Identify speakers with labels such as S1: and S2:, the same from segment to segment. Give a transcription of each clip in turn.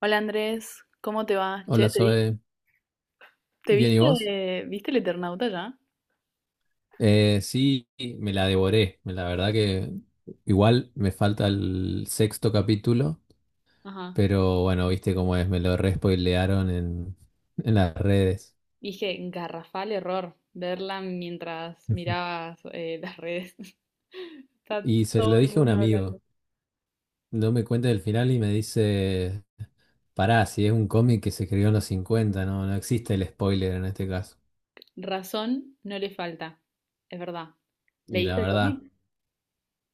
S1: Hola Andrés, ¿cómo te va?
S2: Hola
S1: Che,
S2: Zoe,
S1: ¿te
S2: ¿bien y
S1: viste,
S2: vos?
S1: viste el Eternauta ya?
S2: Sí, me la devoré, la verdad que igual me falta el sexto capítulo,
S1: Ajá.
S2: pero bueno, viste cómo es, me lo respoilearon en las redes.
S1: Dije, garrafal error verla mientras mirabas las redes. Está
S2: Y se
S1: todo
S2: lo
S1: el
S2: dije a un
S1: mundo hablando.
S2: amigo, no me cuenta el final y me dice, pará, si es un cómic que se escribió en los 50, no, no existe el spoiler en este caso.
S1: Razón no le falta, es verdad.
S2: Y la
S1: ¿Leíste el
S2: verdad,
S1: cómic?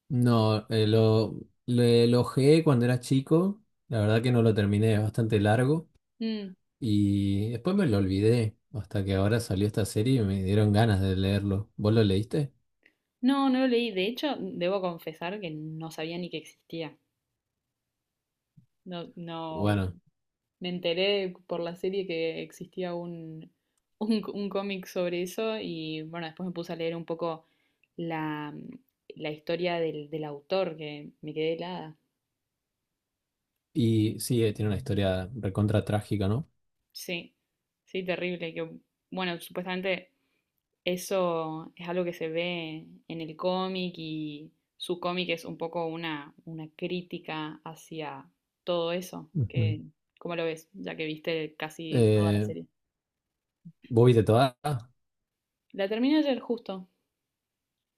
S2: no, lo ojeé cuando era chico, la verdad que no lo terminé, es bastante largo.
S1: Mm,
S2: Y después me lo olvidé, hasta que ahora salió esta serie y me dieron ganas de leerlo. ¿Vos lo leíste?
S1: no, no lo leí. De hecho, debo confesar que no sabía ni que existía. No, no.
S2: Bueno,
S1: Me enteré por la serie que existía un cómic sobre eso y bueno, después me puse a leer un poco la, la historia del autor que me quedé helada.
S2: y sí, tiene una historia recontra trágica, ¿no?
S1: Sí, sí, terrible. Bueno, supuestamente eso es algo que se ve en el cómic y su cómic es un poco una crítica hacia todo eso.
S2: Ujú.
S1: Que, ¿cómo lo ves? Ya que viste casi toda la
S2: Eh,
S1: serie.
S2: ¿Vos viste toda? Ah,
S1: La terminé ayer justo.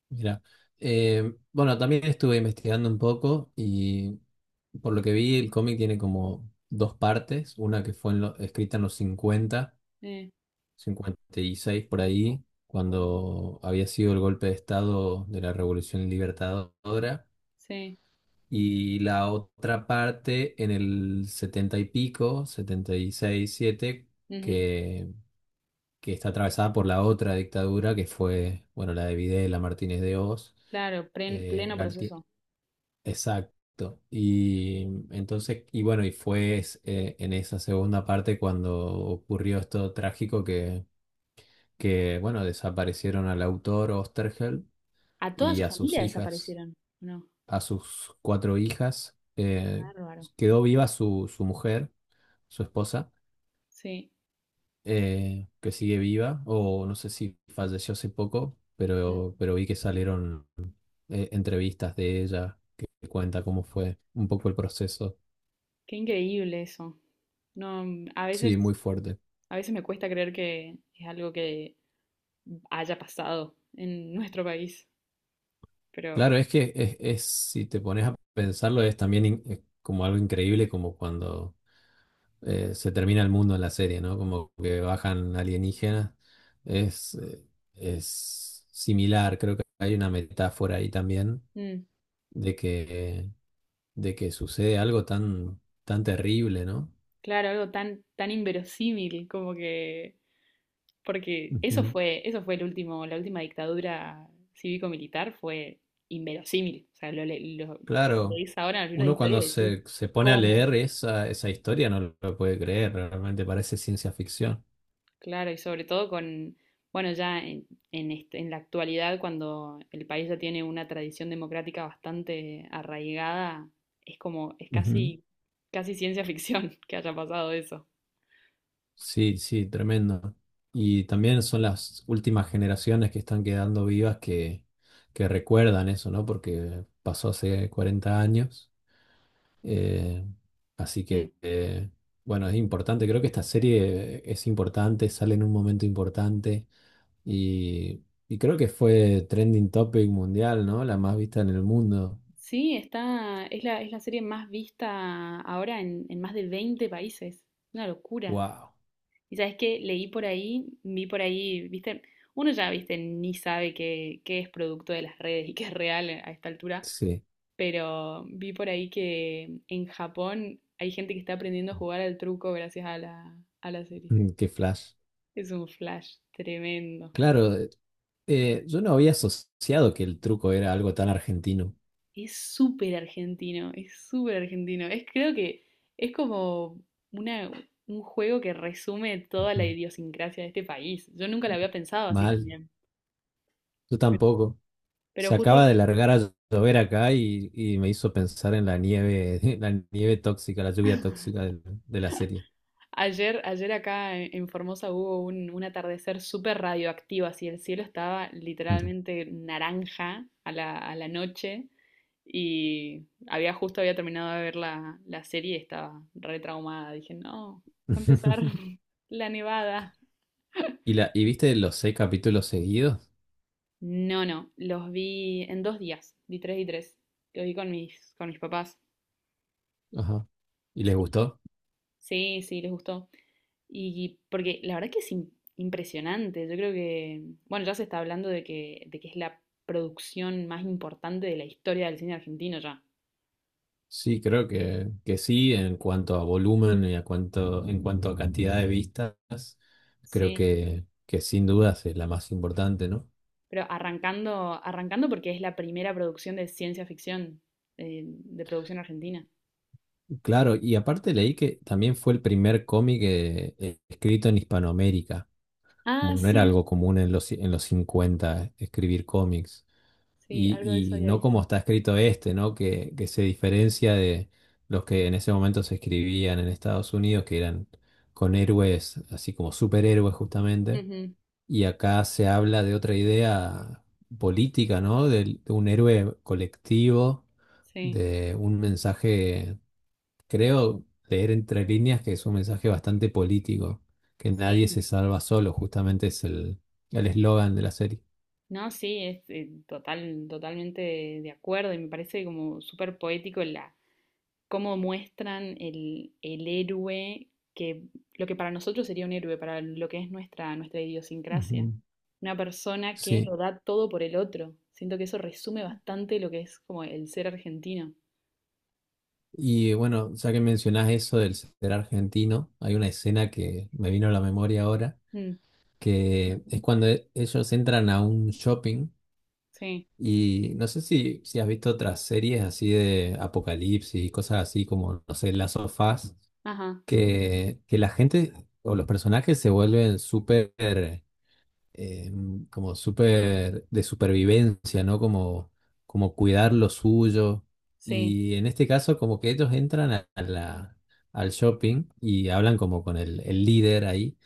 S2: mira. Bueno, también estuve investigando un poco y por lo que vi, el cómic tiene como dos partes. Una que fue escrita en los 50
S1: Eh,
S2: 56 por ahí, cuando había sido el golpe de estado de la Revolución Libertadora.
S1: sí.
S2: Y la otra parte en el 70 y pico, 76 77
S1: Ujú.
S2: que, que está atravesada por la otra dictadura que fue, bueno, la de Videla, Martínez de Oz,
S1: Claro,
S2: eh,
S1: pleno
S2: Galtier-
S1: proceso.
S2: exacto. Y entonces, y bueno, en esa segunda parte cuando ocurrió esto trágico que bueno, desaparecieron al autor Osterheld
S1: A toda
S2: y
S1: su familia desaparecieron. No,
S2: A sus cuatro hijas.
S1: qué bárbaro.
S2: Quedó viva su mujer, su esposa,
S1: Sí,
S2: que sigue viva, o no sé si falleció hace poco, pero,
S1: mm,
S2: pero vi que salieron entrevistas de ella que cuenta cómo fue un poco el proceso.
S1: qué increíble eso. No, mm,
S2: Sí, muy fuerte.
S1: a veces me cuesta creer que es algo que haya pasado en nuestro país, pero
S2: Claro, es que si te pones a pensarlo, es también es como algo increíble, como cuando se termina el mundo en la serie, ¿no? Como que bajan alienígenas. Es, eh, es similar, creo que hay una metáfora ahí también
S1: mm,
S2: de que, de que sucede algo tan, tan terrible, ¿no?
S1: claro, algo tan, tan inverosímil como que, porque
S2: Ujú.
S1: eso fue el último, la última dictadura cívico-militar fue inverosímil. O sea, lo
S2: Claro,
S1: leís ahora en los libros de
S2: uno
S1: historia
S2: cuando
S1: y decís,
S2: se pone a leer
S1: ¿cómo?
S2: esa historia no lo puede creer, realmente parece ciencia ficción.
S1: Claro, y sobre todo con, bueno, ya en la actualidad, cuando el país ya tiene una tradición democrática bastante arraigada, es como, es
S2: Ujú.
S1: casi, casi ciencia ficción que haya pasado eso.
S2: Sí, sí, tremendo. Y también son las últimas generaciones que están quedando vivas que recuerdan eso, ¿no? Porque pasó hace 40 años. Eh, Así
S1: Mm.
S2: que, bueno, es importante. Creo que esta serie es importante, sale en un momento importante y, y creo que fue trending topic mundial, ¿no? La más vista en el mundo.
S1: Sí, está, es la serie más vista ahora en más de 20 países. Una locura.
S2: ¡Wow!
S1: Y sabes qué, leí por ahí, vi por ahí, viste, uno ya, viste, ni sabe qué, qué es producto de las redes y qué es real a esta altura,
S2: Sí,
S1: pero vi por ahí que en Japón hay gente que está aprendiendo a jugar al truco gracias a a la serie.
S2: qué flash.
S1: Es un flash tremendo.
S2: Claro, yo no había asociado que el truco era algo tan argentino.
S1: Es súper argentino, es súper argentino. Es, creo que es como una, un juego que resume toda la
S2: Ujú.
S1: idiosincrasia de este país. Yo nunca la había pensado así
S2: Mal,
S1: también.
S2: yo
S1: Pero,
S2: tampoco.
S1: pero
S2: Se
S1: justo
S2: acaba de largar a llover acá y me hizo pensar en la nieve, la nieve tóxica, la lluvia tóxica de la serie.
S1: ayer, ayer acá en Formosa hubo un atardecer súper radioactivo, así el cielo estaba
S2: Ujú.
S1: literalmente naranja a a la noche y había justo había terminado de ver la serie y estaba re traumada. Dije, no, va a empezar la nevada.
S2: ¿Y viste los seis capítulos seguidos?
S1: No, no, los vi en dos días, vi tres y tres. Los vi con con mis papás.
S2: Ajá. ¿Y les
S1: Sí.
S2: gustó?
S1: Sí, sí, les gustó. Y porque la verdad que es impresionante. Yo creo que, bueno, ya se está hablando de de que es la producción más importante de la historia del cine argentino ya.
S2: Sí, creo que sí, en cuanto a volumen y en cuanto a cantidad de vistas, creo
S1: Sí.
S2: que sin dudas es la más importante, ¿no?
S1: Pero arrancando, arrancando porque es la primera producción de ciencia ficción de producción argentina.
S2: Claro, y aparte leí que también fue el primer cómic escrito en Hispanoamérica, como
S1: Ah,
S2: que no era algo
S1: sí,
S2: común en los 50 escribir cómics,
S1: sí, algo de eso
S2: y
S1: había
S2: no como
S1: visto.
S2: está escrito este, ¿no? Que se diferencia de los que en ese momento se escribían en Estados Unidos, que eran con héroes, así como superhéroes justamente,
S1: Ujú,
S2: y acá se habla de otra idea política, ¿no? Un héroe colectivo,
S1: sí.
S2: de un mensaje. Creo leer entre líneas que es un mensaje bastante político, que nadie
S1: Sí.
S2: se salva solo, justamente es el eslogan de la serie.
S1: No, sí, es totalmente de acuerdo y me parece como súper poético cómo muestran el héroe, que lo que para nosotros sería un héroe, para lo que es nuestra, nuestra idiosincrasia.
S2: Ujú.
S1: Una persona que
S2: Sí.
S1: lo da todo por el otro. Siento que eso resume bastante lo que es como el ser argentino.
S2: Y bueno, ya que mencionás eso del ser argentino, hay una escena que me vino a la memoria ahora,
S1: Mm,
S2: que es cuando ellos entran a un shopping
S1: sí,
S2: y no sé si has visto otras series así de apocalipsis y cosas así como, no sé, las sofás
S1: ajá,
S2: que la gente o los personajes se vuelven súper eh, como súper de supervivencia, ¿no? Como cuidar lo suyo.
S1: sí,
S2: Y en este caso, como que ellos entran al shopping y hablan como con el líder ahí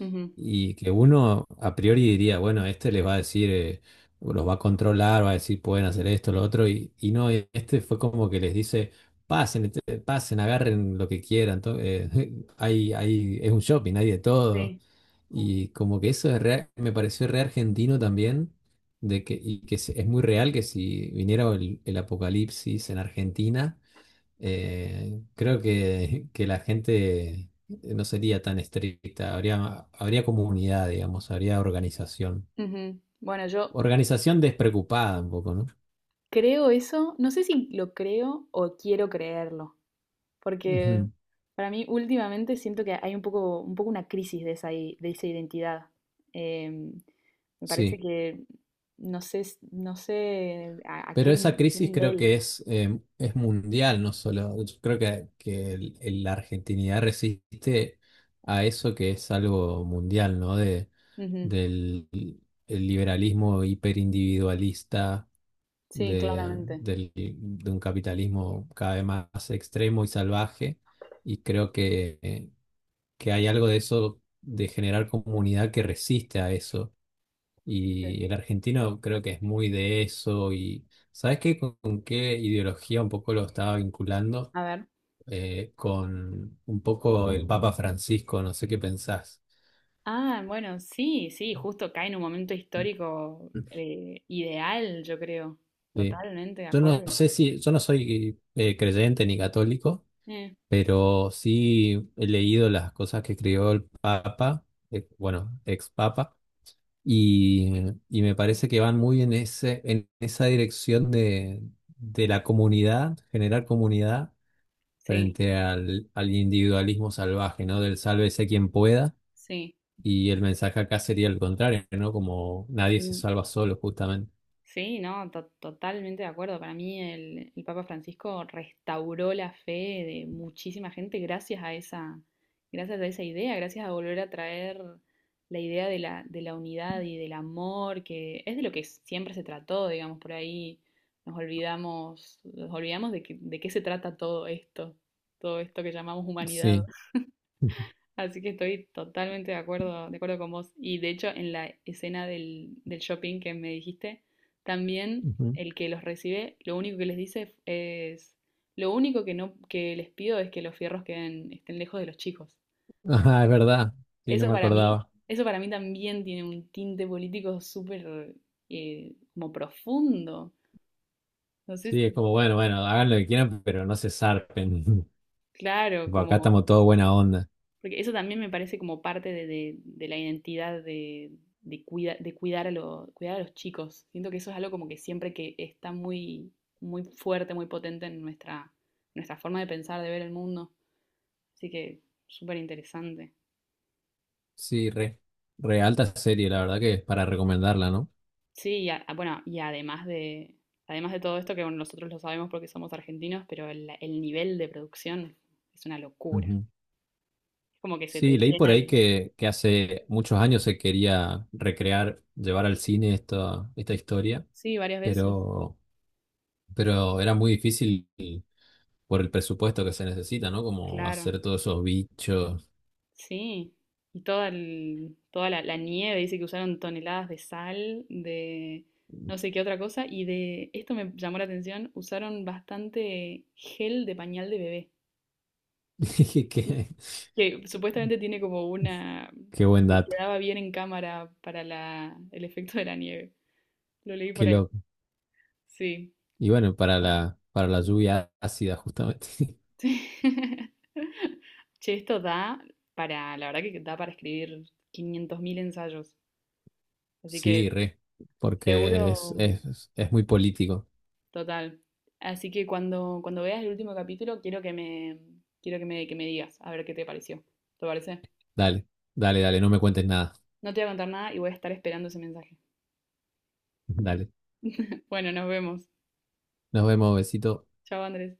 S1: ujú,
S2: y que uno a priori diría, bueno, este les va a decir, los va a controlar, va a decir, pueden hacer esto, lo otro, y no, este fue como que les dice, pasen, este, pasen, agarren lo que quieran, hay, es un shopping, hay de todo.
S1: sí.
S2: Y como que eso me pareció re argentino también, y que es muy real que si viniera el apocalipsis en Argentina, creo que la gente no sería tan estricta, habría comunidad, digamos, habría organización.
S1: Ujú. Bueno, yo
S2: Organización despreocupada un poco, ¿no?
S1: creo eso, no sé si lo creo o quiero creerlo. Porque
S2: Ujú,
S1: para mí últimamente siento que hay un poco una crisis de de esa identidad. Em, Me parece
S2: sí,
S1: que no sé, no sé
S2: pero esa
S1: a qué
S2: crisis creo
S1: nivel.
S2: que es mundial, no solo. Yo creo que la argentinidad resiste a eso que es algo mundial, ¿no? De,
S1: Ujú.
S2: del el liberalismo hiperindividualista
S1: Sí,
S2: de,
S1: claramente.
S2: del- de un capitalismo cada vez más extremo y salvaje. Y creo que hay algo de eso, de generar comunidad que resiste a eso.
S1: Sí.
S2: Y el argentino creo que es muy de eso. Y ¿sabes qué? ¿Con qué ideología un poco lo estaba vinculando?
S1: A ver.
S2: Con un poco el Papa Francisco, no sé qué pensás.
S1: Ah, bueno, sí, sí, justo cae en un momento histórico ideal, yo creo.
S2: Sí.
S1: Totalmente de
S2: Yo no
S1: acuerdo.
S2: sé si, yo no soy creyente ni católico,
S1: Eh,
S2: pero sí he leído las cosas que escribió el Papa, bueno, ex Papa, y, y me parece que van muy en esa dirección de la comunidad, generar comunidad
S1: sí,
S2: frente al individualismo salvaje, ¿no? Del sálvese quien pueda,
S1: sí.
S2: y el mensaje acá sería el contrario, ¿no? Como nadie se salva solo, justamente.
S1: Sí, no, totalmente de acuerdo. Para mí el Papa Francisco restauró la fe de muchísima gente gracias a esa idea, gracias a volver a traer la idea de de la unidad y del amor, que es de lo que siempre se trató, digamos, por ahí nos olvidamos de de qué se trata todo esto que llamamos humanidad.
S2: Sí.
S1: Así que estoy totalmente de acuerdo con vos. Y de hecho, en la escena del shopping que me dijiste, también
S2: Ujú.
S1: el que los recibe, lo único que les dice es, lo único que no, que les pido es que los fierros queden, estén lejos de los chicos.
S2: Ah, es verdad. Sí, no me acordaba.
S1: Eso para mí también tiene un tinte político súper como profundo. Entonces,
S2: Sí, es como, bueno, bueno, hagan lo que quieran, pero no se zarpen.
S1: claro,
S2: Tipo, acá
S1: como
S2: estamos todos buena onda.
S1: porque eso también me parece como parte de la identidad de, de cuidar, cuidar a los chicos. Siento que eso es algo como que siempre que está muy, muy fuerte, muy potente en nuestra, nuestra forma de pensar, de ver el mundo. Así que súper interesante.
S2: Sí, re alta serie, la verdad que es para recomendarla, ¿no?
S1: Sí, y bueno, y además de todo esto, que bueno, nosotros lo sabemos porque somos argentinos, pero el nivel de producción es una locura. Es
S2: Ujú.
S1: como que se te
S2: Sí, leí por
S1: llena
S2: ahí
S1: el...
S2: que hace muchos años se quería recrear, llevar al cine esta historia,
S1: Sí, varias veces,
S2: pero, pero era muy difícil por el presupuesto que se necesita, ¿no? Como
S1: claro.
S2: hacer todos esos bichos.
S1: Sí, y toda, toda la nieve, dice que usaron toneladas de sal, de no sé qué otra cosa, y de esto me llamó la atención, usaron bastante gel de pañal de bebé,
S2: Qué,
S1: que supuestamente tiene como
S2: qué buen
S1: como que
S2: dato,
S1: quedaba bien en cámara para el efecto de la nieve. Lo leí
S2: qué
S1: por ahí.
S2: loco.
S1: Sí.
S2: Y bueno, para la lluvia ácida, justamente.
S1: Che, esto da para, la verdad que da para escribir 500.000 ensayos, así
S2: Sí,
S1: que
S2: re, porque es,
S1: seguro...
S2: es, es muy político.
S1: Total. Así que cuando, cuando veas el último capítulo, quiero que me, quiero que que me digas, a ver qué te pareció. ¿Te parece?
S2: Dale, dale, dale, no me cuentes nada.
S1: No te voy a contar nada y voy a estar esperando ese mensaje.
S2: Dale.
S1: Bueno, nos vemos.
S2: Nos vemos, besito.
S1: Chao, Andrés.